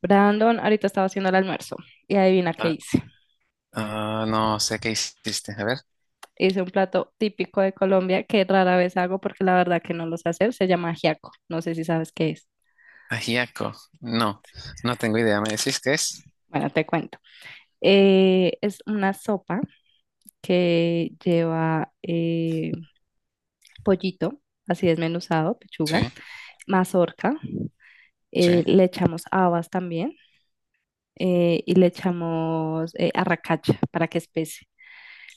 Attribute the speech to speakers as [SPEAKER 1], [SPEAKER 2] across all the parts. [SPEAKER 1] Brandon, ahorita estaba haciendo el almuerzo y adivina qué
[SPEAKER 2] Ah,
[SPEAKER 1] hice.
[SPEAKER 2] no sé qué hiciste. A ver,
[SPEAKER 1] Hice un plato típico de Colombia que rara vez hago porque la verdad que no lo sé hacer. Se llama ajiaco. No sé si sabes qué es.
[SPEAKER 2] ajiaco. No, no tengo idea. ¿Me decís qué es?
[SPEAKER 1] Bueno, te cuento. Es una sopa que lleva pollito, así desmenuzado, pechuga,
[SPEAKER 2] Sí,
[SPEAKER 1] mazorca.
[SPEAKER 2] sí.
[SPEAKER 1] Le echamos habas también, y le echamos arracacha para que espese.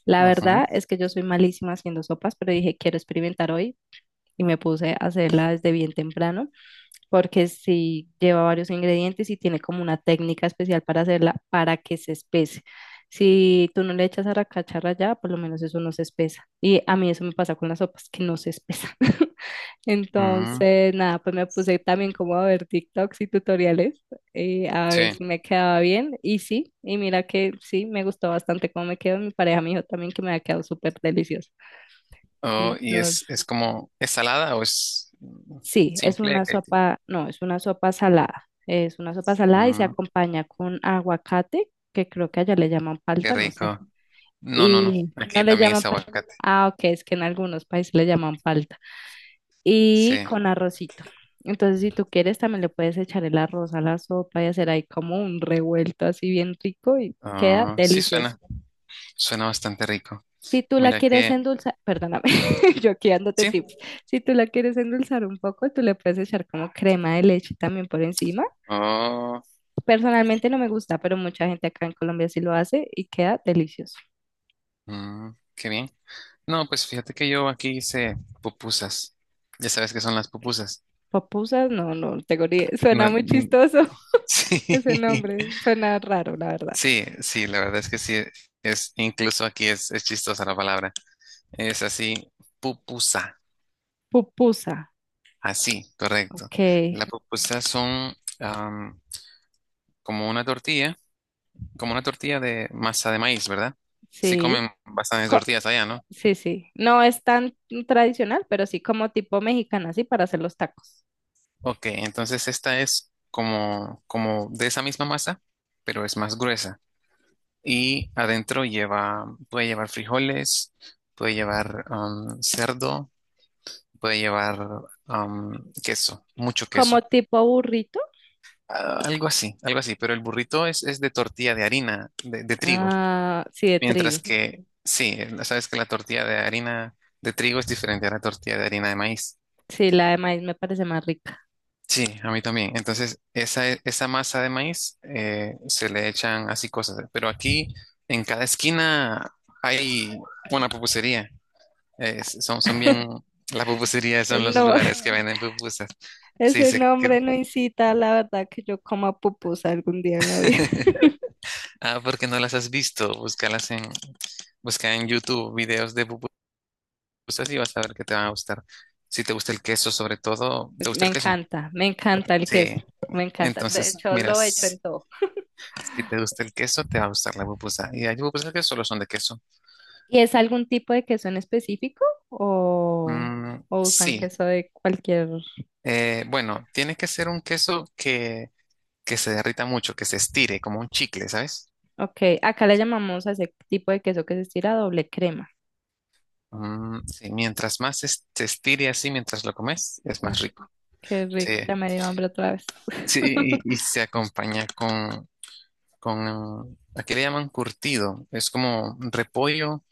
[SPEAKER 1] La verdad
[SPEAKER 2] Ujú.
[SPEAKER 1] es que yo soy malísima haciendo sopas, pero dije, quiero experimentar hoy y me puse a hacerla desde bien temprano porque sí lleva varios ingredientes y tiene como una técnica especial para hacerla para que se espese. Si tú no le echas a la cacharra ya, por lo menos eso no se espesa. Y a mí eso me pasa con las sopas, que no se espesa.
[SPEAKER 2] Mm,
[SPEAKER 1] Entonces, nada, pues me puse también como a ver TikToks y tutoriales, a ver si
[SPEAKER 2] sí.
[SPEAKER 1] me quedaba bien. Y sí, y mira que sí, me gustó bastante cómo me quedó. Mi pareja me dijo también que me ha quedado súper delicioso.
[SPEAKER 2] Oh, y
[SPEAKER 1] Entonces,
[SPEAKER 2] es como, ¿es salada o es
[SPEAKER 1] sí, es
[SPEAKER 2] simple?
[SPEAKER 1] una sopa, no, es una sopa salada. Es una sopa salada y se
[SPEAKER 2] Mm,
[SPEAKER 1] acompaña con aguacate, que creo que allá le llaman
[SPEAKER 2] qué
[SPEAKER 1] palta, no sé.
[SPEAKER 2] rico. No, no, no.
[SPEAKER 1] Y no
[SPEAKER 2] Aquí
[SPEAKER 1] le
[SPEAKER 2] también
[SPEAKER 1] llaman
[SPEAKER 2] es
[SPEAKER 1] palta.
[SPEAKER 2] aguacate.
[SPEAKER 1] Ah, ok, es que en algunos países le llaman palta. Y
[SPEAKER 2] Sí.
[SPEAKER 1] con arrocito. Entonces, si tú quieres, también le puedes echar el arroz a la sopa y hacer ahí como un revuelto así bien rico y queda
[SPEAKER 2] Oh, sí
[SPEAKER 1] delicioso.
[SPEAKER 2] suena. Suena bastante rico.
[SPEAKER 1] Si tú la
[SPEAKER 2] Mira
[SPEAKER 1] quieres
[SPEAKER 2] que,
[SPEAKER 1] endulzar, perdóname, yo aquí dándote
[SPEAKER 2] sí.
[SPEAKER 1] tips. Si tú la quieres endulzar un poco, tú le puedes echar como crema de leche también por encima.
[SPEAKER 2] Oh,
[SPEAKER 1] Personalmente no me gusta, pero mucha gente acá en Colombia sí lo hace y queda delicioso.
[SPEAKER 2] mm, qué bien. No, pues fíjate que yo aquí hice pupusas. Ya sabes qué son las pupusas.
[SPEAKER 1] Pupusas, no, no tengo ni...
[SPEAKER 2] No.
[SPEAKER 1] Suena muy chistoso.
[SPEAKER 2] Sí.
[SPEAKER 1] Ese nombre, suena raro, la verdad.
[SPEAKER 2] Sí, sí, la verdad es que sí, es incluso aquí es chistosa la palabra. Es así, pupusa,
[SPEAKER 1] Pupusa,
[SPEAKER 2] así, correcto.
[SPEAKER 1] ok,
[SPEAKER 2] Las pupusas son am, como una tortilla, como una tortilla de masa de maíz, ¿verdad? Sí
[SPEAKER 1] sí.
[SPEAKER 2] comen bastantes
[SPEAKER 1] Co-
[SPEAKER 2] tortillas allá, ¿no?
[SPEAKER 1] sí, sí. No es tan tradicional, pero sí como tipo mexicana, sí, para hacer los tacos.
[SPEAKER 2] Ok, entonces esta es como, como de esa misma masa, pero es más gruesa. Y adentro lleva, puede llevar frijoles, puede llevar cerdo, puede llevar queso, mucho
[SPEAKER 1] Como
[SPEAKER 2] queso.
[SPEAKER 1] tipo burrito,
[SPEAKER 2] Ah, algo así, pero el burrito es de tortilla de harina, de trigo,
[SPEAKER 1] ah, sí, de
[SPEAKER 2] mientras
[SPEAKER 1] trigo.
[SPEAKER 2] que sí, sabes que la tortilla de harina de trigo es diferente a la tortilla de harina de maíz.
[SPEAKER 1] Sí, la de maíz me parece más rica.
[SPEAKER 2] Sí, a mí también. Entonces, esa masa de maíz se le echan así cosas, pero aquí en cada esquina hay una pupusería. Son, son bien, las pupuserías
[SPEAKER 1] Pues
[SPEAKER 2] son los
[SPEAKER 1] no,
[SPEAKER 2] lugares que venden pupusas. Sí,
[SPEAKER 1] ese
[SPEAKER 2] sé que...
[SPEAKER 1] nombre no incita, la verdad, que yo coma pupusa algún día en la vida.
[SPEAKER 2] Ah, porque no las has visto. Busca en YouTube videos de pupusas y vas a ver que te van a gustar. Si te gusta el queso, sobre todo, ¿te gusta el queso?
[SPEAKER 1] Me encanta el queso,
[SPEAKER 2] Sí.
[SPEAKER 1] me encanta. De
[SPEAKER 2] Entonces,
[SPEAKER 1] hecho,
[SPEAKER 2] mira,
[SPEAKER 1] lo he hecho en todo.
[SPEAKER 2] si te gusta el queso, te va a gustar la pupusa. Y hay pupusas que solo son de queso.
[SPEAKER 1] ¿Y es algún tipo de queso en específico o,
[SPEAKER 2] Mm,
[SPEAKER 1] o usan
[SPEAKER 2] sí.
[SPEAKER 1] queso de cualquier?
[SPEAKER 2] Bueno, tiene que ser un queso que se derrita mucho, que se estire, como un chicle, ¿sabes?
[SPEAKER 1] Ok, acá le llamamos a ese tipo de queso que se estira doble crema.
[SPEAKER 2] Mm, sí, mientras más se estire así, mientras lo comes, es
[SPEAKER 1] Uf,
[SPEAKER 2] más rico.
[SPEAKER 1] qué
[SPEAKER 2] Sí.
[SPEAKER 1] rico, ya me dio hambre otra vez.
[SPEAKER 2] Sí, y se acompaña con, aquí le llaman curtido, es como repollo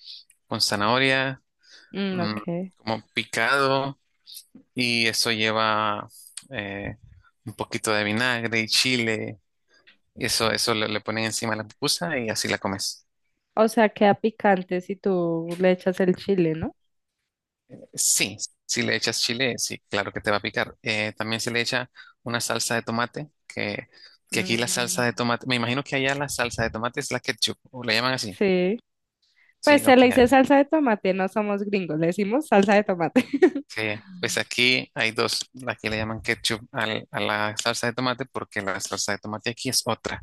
[SPEAKER 2] con zanahoria,
[SPEAKER 1] Mm,
[SPEAKER 2] mm,
[SPEAKER 1] ok,
[SPEAKER 2] como picado, y eso lleva eh, un poquito de vinagre y chile, y eso le ponen encima a la pupusa y así la comes.
[SPEAKER 1] o sea, queda picante si tú le echas el chile, ¿no?
[SPEAKER 2] Sí, si le echas chile, sí, claro que te va a picar. También se le echa una salsa de tomate, que aquí la
[SPEAKER 1] Mm,
[SPEAKER 2] salsa de tomate, me imagino que allá la salsa de tomate es la ketchup, o le llaman así.
[SPEAKER 1] sí, pues
[SPEAKER 2] Sí,
[SPEAKER 1] se
[SPEAKER 2] ok.
[SPEAKER 1] le dice salsa de tomate, no somos gringos, le decimos salsa de tomate.
[SPEAKER 2] Sí, pues aquí hay dos. Aquí le llaman ketchup a la salsa de tomate porque la salsa de tomate aquí es otra.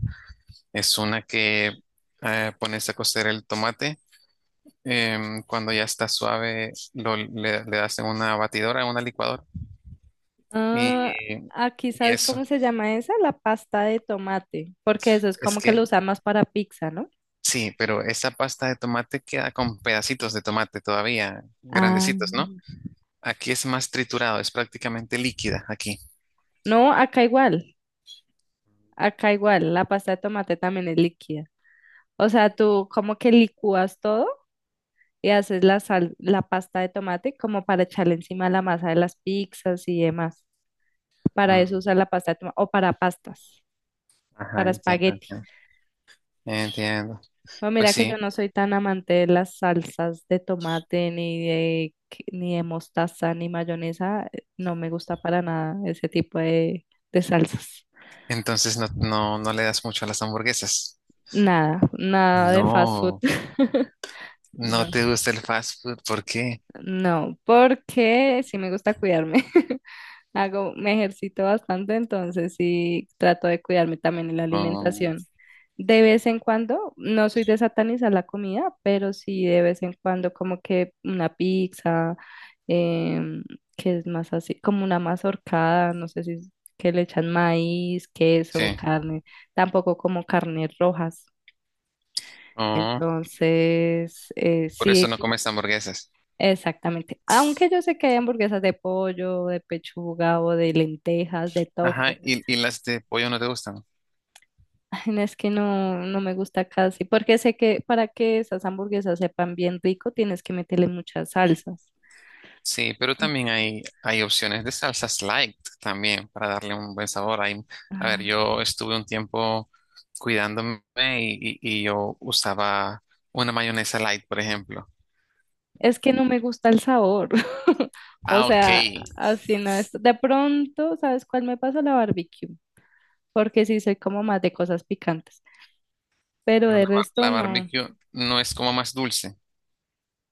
[SPEAKER 2] Es una que pones a cocer el tomate. Cuando ya está suave, le das en una batidora, en una licuadora.
[SPEAKER 1] Ah,
[SPEAKER 2] Y,
[SPEAKER 1] aquí,
[SPEAKER 2] y
[SPEAKER 1] ¿sabes
[SPEAKER 2] eso,
[SPEAKER 1] cómo se llama esa? La pasta de tomate, porque eso es
[SPEAKER 2] es
[SPEAKER 1] como que lo
[SPEAKER 2] que
[SPEAKER 1] usan más para pizza, ¿no?
[SPEAKER 2] sí, pero esa pasta de tomate queda con pedacitos de tomate todavía,
[SPEAKER 1] Ah,
[SPEAKER 2] grandecitos, ¿no? Aquí es más triturado, es prácticamente líquida aquí.
[SPEAKER 1] no, acá igual, la pasta de tomate también es líquida. O sea, tú como que licúas todo y haces la sal, la pasta de tomate como para echarle encima la masa de las pizzas y demás. Para
[SPEAKER 2] Mm,
[SPEAKER 1] eso usas la pasta de tomate o para pastas,
[SPEAKER 2] ajá,
[SPEAKER 1] para
[SPEAKER 2] entiendo,
[SPEAKER 1] espagueti.
[SPEAKER 2] entiendo. Entiendo.
[SPEAKER 1] Pues
[SPEAKER 2] Pues
[SPEAKER 1] mira que
[SPEAKER 2] sí.
[SPEAKER 1] yo no soy tan amante de las salsas de tomate, ni de, ni de mostaza, ni mayonesa. No me gusta para nada ese tipo de salsas.
[SPEAKER 2] Entonces no, no, no le das mucho a las hamburguesas.
[SPEAKER 1] Nada, nada de fast food.
[SPEAKER 2] No, no
[SPEAKER 1] No,
[SPEAKER 2] te gusta el fast food, ¿por qué?
[SPEAKER 1] no, porque sí me gusta cuidarme. Hago, me ejercito bastante, entonces sí trato de cuidarme también en la
[SPEAKER 2] Oh,
[SPEAKER 1] alimentación. De vez en cuando, no soy de satanizar la comida, pero sí de vez en cuando como que una pizza, em, que es más así, como una mazorcada, no sé si es que le echan maíz, queso,
[SPEAKER 2] sí,
[SPEAKER 1] carne, tampoco como carnes rojas.
[SPEAKER 2] oh,
[SPEAKER 1] Entonces,
[SPEAKER 2] por
[SPEAKER 1] sí,
[SPEAKER 2] eso no comes hamburguesas.
[SPEAKER 1] exactamente. Aunque yo sé que hay hamburguesas de pollo, de pechuga o de lentejas, de
[SPEAKER 2] Ajá,
[SPEAKER 1] tofu.
[SPEAKER 2] y las de pollo no te gustan.
[SPEAKER 1] Ay, no, es que no, no me gusta casi, porque sé que para que esas hamburguesas sepan bien rico, tienes que meterle muchas salsas.
[SPEAKER 2] Sí, pero
[SPEAKER 1] Y,
[SPEAKER 2] también hay opciones de salsas light también para darle un buen sabor. Hay, a ver,
[SPEAKER 1] ah,
[SPEAKER 2] yo estuve un tiempo cuidándome y yo usaba una mayonesa light, por ejemplo.
[SPEAKER 1] es que no me gusta el sabor. O
[SPEAKER 2] Ah, ok,
[SPEAKER 1] sea, así no es. De pronto, ¿sabes cuál me pasa? La barbecue, porque sí soy como más de cosas picantes, pero
[SPEAKER 2] pero
[SPEAKER 1] de resto
[SPEAKER 2] la
[SPEAKER 1] no.
[SPEAKER 2] barbecue no es como más dulce.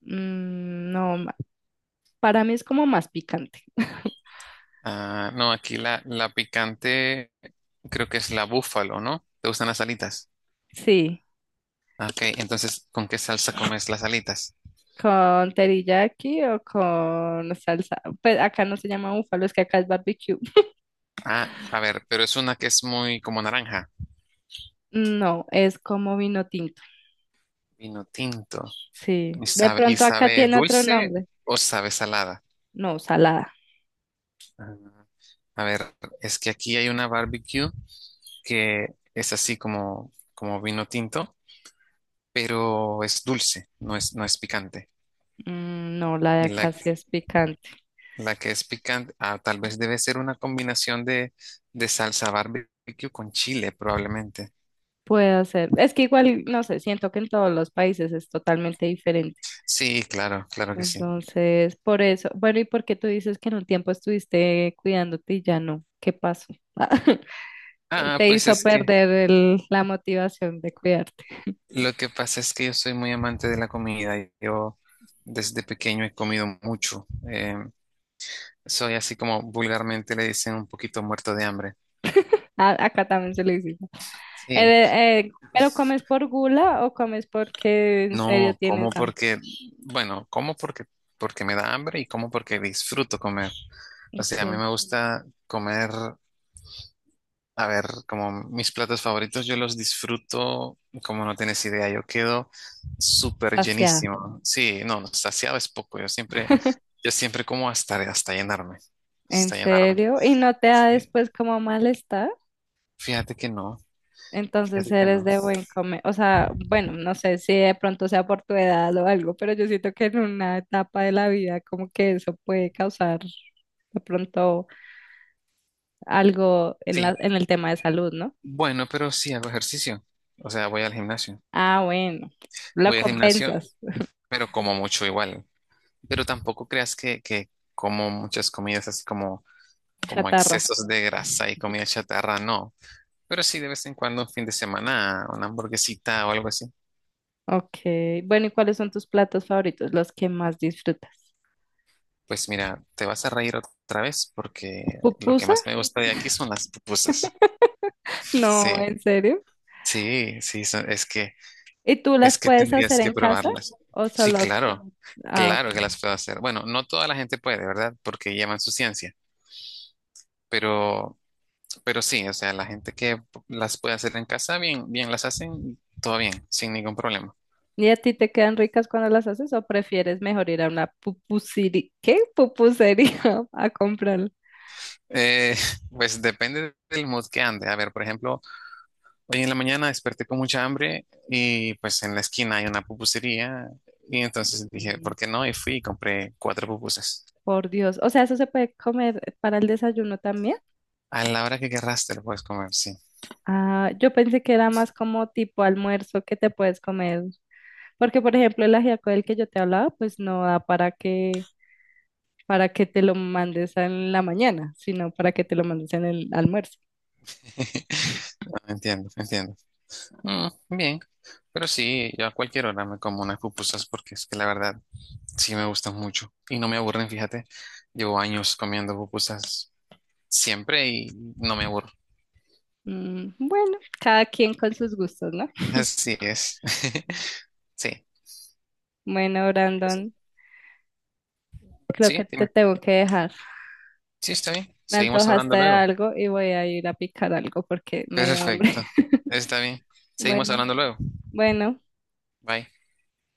[SPEAKER 1] Mm, no, para mí es como más picante.
[SPEAKER 2] Ah, no, aquí la picante creo que es la búfalo, ¿no? ¿Te gustan las alitas?
[SPEAKER 1] Sí.
[SPEAKER 2] Ah, ok, entonces, ¿con qué salsa comes las alitas?
[SPEAKER 1] ¿Con teriyaki o con salsa? Pues acá no se llama búfalo, es que acá es barbecue.
[SPEAKER 2] Ah, a ver, pero es una que es muy como naranja,
[SPEAKER 1] Mm, no, es como vino tinto.
[SPEAKER 2] vino tinto.
[SPEAKER 1] Sí. De
[SPEAKER 2] ¿Y
[SPEAKER 1] pronto acá
[SPEAKER 2] sabe
[SPEAKER 1] tiene otro
[SPEAKER 2] dulce
[SPEAKER 1] nombre.
[SPEAKER 2] o sabe salada?
[SPEAKER 1] No, salada.
[SPEAKER 2] Ah, a ver, es que aquí hay una barbecue que es así como, como vino tinto, pero es dulce, no es picante.
[SPEAKER 1] Mm, no, la de
[SPEAKER 2] Y
[SPEAKER 1] acá
[SPEAKER 2] la,
[SPEAKER 1] sí es picante.
[SPEAKER 2] La que es picante, ah, tal vez debe ser una combinación de salsa barbecue con chile, probablemente.
[SPEAKER 1] Puede ser. Es que igual, no sé, siento que en todos los países es totalmente diferente.
[SPEAKER 2] Sí, claro, claro que sí.
[SPEAKER 1] Entonces, por eso. Bueno, ¿y por qué tú dices que en un tiempo estuviste cuidándote y ya no? ¿Qué pasó? ¿Qué
[SPEAKER 2] Ah,
[SPEAKER 1] te
[SPEAKER 2] pues
[SPEAKER 1] hizo
[SPEAKER 2] es que
[SPEAKER 1] perder la motivación de cuidarte?
[SPEAKER 2] lo que pasa es que yo soy muy amante de la comida. Yo desde pequeño he comido mucho. Soy así como vulgarmente le dicen un poquito muerto de hambre.
[SPEAKER 1] A- acá también se le dice.
[SPEAKER 2] Sí,
[SPEAKER 1] ¿Pero comes por gula o comes porque en serio
[SPEAKER 2] no como
[SPEAKER 1] tienes hambre?
[SPEAKER 2] porque, bueno, como porque, porque me da hambre y como porque disfruto comer. O
[SPEAKER 1] Ok,
[SPEAKER 2] sea, a mí me gusta comer. A ver, como mis platos favoritos, yo los disfruto, como no tienes idea, yo quedo súper
[SPEAKER 1] saciada.
[SPEAKER 2] llenísimo. Sí, no, saciado es poco, yo siempre como hasta, hasta llenarme,
[SPEAKER 1] ¿En
[SPEAKER 2] hasta llenarme.
[SPEAKER 1] serio? ¿Y no te da
[SPEAKER 2] Sí.
[SPEAKER 1] después como malestar?
[SPEAKER 2] Fíjate que no,
[SPEAKER 1] Entonces
[SPEAKER 2] fíjate que
[SPEAKER 1] eres
[SPEAKER 2] no.
[SPEAKER 1] de buen comer. O sea, bueno, no sé si de pronto sea por tu edad o algo, pero yo siento que en una etapa de la vida como que eso puede causar de pronto algo en
[SPEAKER 2] Sí,
[SPEAKER 1] la, en el tema de salud, ¿no?
[SPEAKER 2] bueno, pero sí hago ejercicio, o sea, voy al gimnasio.
[SPEAKER 1] Ah, bueno, lo
[SPEAKER 2] Voy al gimnasio,
[SPEAKER 1] compensas,
[SPEAKER 2] pero como mucho igual, pero tampoco creas que como muchas comidas así como, como
[SPEAKER 1] chatarra.
[SPEAKER 2] excesos de grasa y comida chatarra, no. Pero sí, de vez en cuando, un fin de semana, una hamburguesita o algo así.
[SPEAKER 1] Ok, bueno, ¿y cuáles son tus platos favoritos, los que más disfrutas?
[SPEAKER 2] Pues mira, te vas a reír otra vez porque lo que
[SPEAKER 1] ¿Pupusa?
[SPEAKER 2] más me gusta de aquí son las pupusas.
[SPEAKER 1] No,
[SPEAKER 2] Sí,
[SPEAKER 1] ¿en serio?
[SPEAKER 2] sí, sí, son- es que,
[SPEAKER 1] ¿Y tú
[SPEAKER 2] es
[SPEAKER 1] las
[SPEAKER 2] que
[SPEAKER 1] puedes hacer
[SPEAKER 2] tendrías que
[SPEAKER 1] en casa
[SPEAKER 2] probarlas.
[SPEAKER 1] o
[SPEAKER 2] Sí,
[SPEAKER 1] solo?
[SPEAKER 2] claro,
[SPEAKER 1] Ah, ok.
[SPEAKER 2] claro que las puedo hacer. Bueno, no toda la gente puede, ¿verdad? Porque llevan su ciencia. Pero, pero sí, o sea, la gente que las puede hacer en casa, bien, bien las hacen, todo bien, sin ningún problema.
[SPEAKER 1] ¿Y a ti te quedan ricas cuando las haces o prefieres mejor ir a una pupusería? ¿Qué? Pupusería a comprarlo.
[SPEAKER 2] Eh, pues depende del mood que ande. A ver, por ejemplo, hoy en la mañana desperté con mucha hambre y pues en la esquina hay una pupusería y entonces dije,
[SPEAKER 1] Mm,
[SPEAKER 2] ¿por qué no? Y fui y compré cuatro pupusas.
[SPEAKER 1] por Dios, o sea, ¿eso se puede comer para el desayuno también?
[SPEAKER 2] A la hora que querrás te lo puedes comer, sí.
[SPEAKER 1] Ah, yo pensé que era más como tipo almuerzo que te puedes comer, porque por ejemplo el ajiaco del que yo te hablaba, pues no da para que te lo mandes en la mañana, sino para que te lo mandes en el almuerzo.
[SPEAKER 2] No, entiendo, entiendo. Mm, bien, pero sí, yo a cualquier hora me como unas pupusas porque es que la verdad sí me gustan mucho y no me aburren, fíjate. Llevo años comiendo pupusas siempre y no me aburro.
[SPEAKER 1] Mm, bueno, cada quien con sus gustos, ¿no?
[SPEAKER 2] Así es. Sí,
[SPEAKER 1] Bueno, Brandon, creo que
[SPEAKER 2] sí,
[SPEAKER 1] te
[SPEAKER 2] dime.
[SPEAKER 1] tengo que dejar.
[SPEAKER 2] Sí, está bien.
[SPEAKER 1] Me
[SPEAKER 2] Seguimos
[SPEAKER 1] antojaste
[SPEAKER 2] hablando
[SPEAKER 1] de
[SPEAKER 2] luego.
[SPEAKER 1] algo y voy a ir a picar algo porque me dio hambre.
[SPEAKER 2] Perfecto. Está bien. Seguimos
[SPEAKER 1] Bueno,
[SPEAKER 2] hablando luego.
[SPEAKER 1] bueno,
[SPEAKER 2] Bye.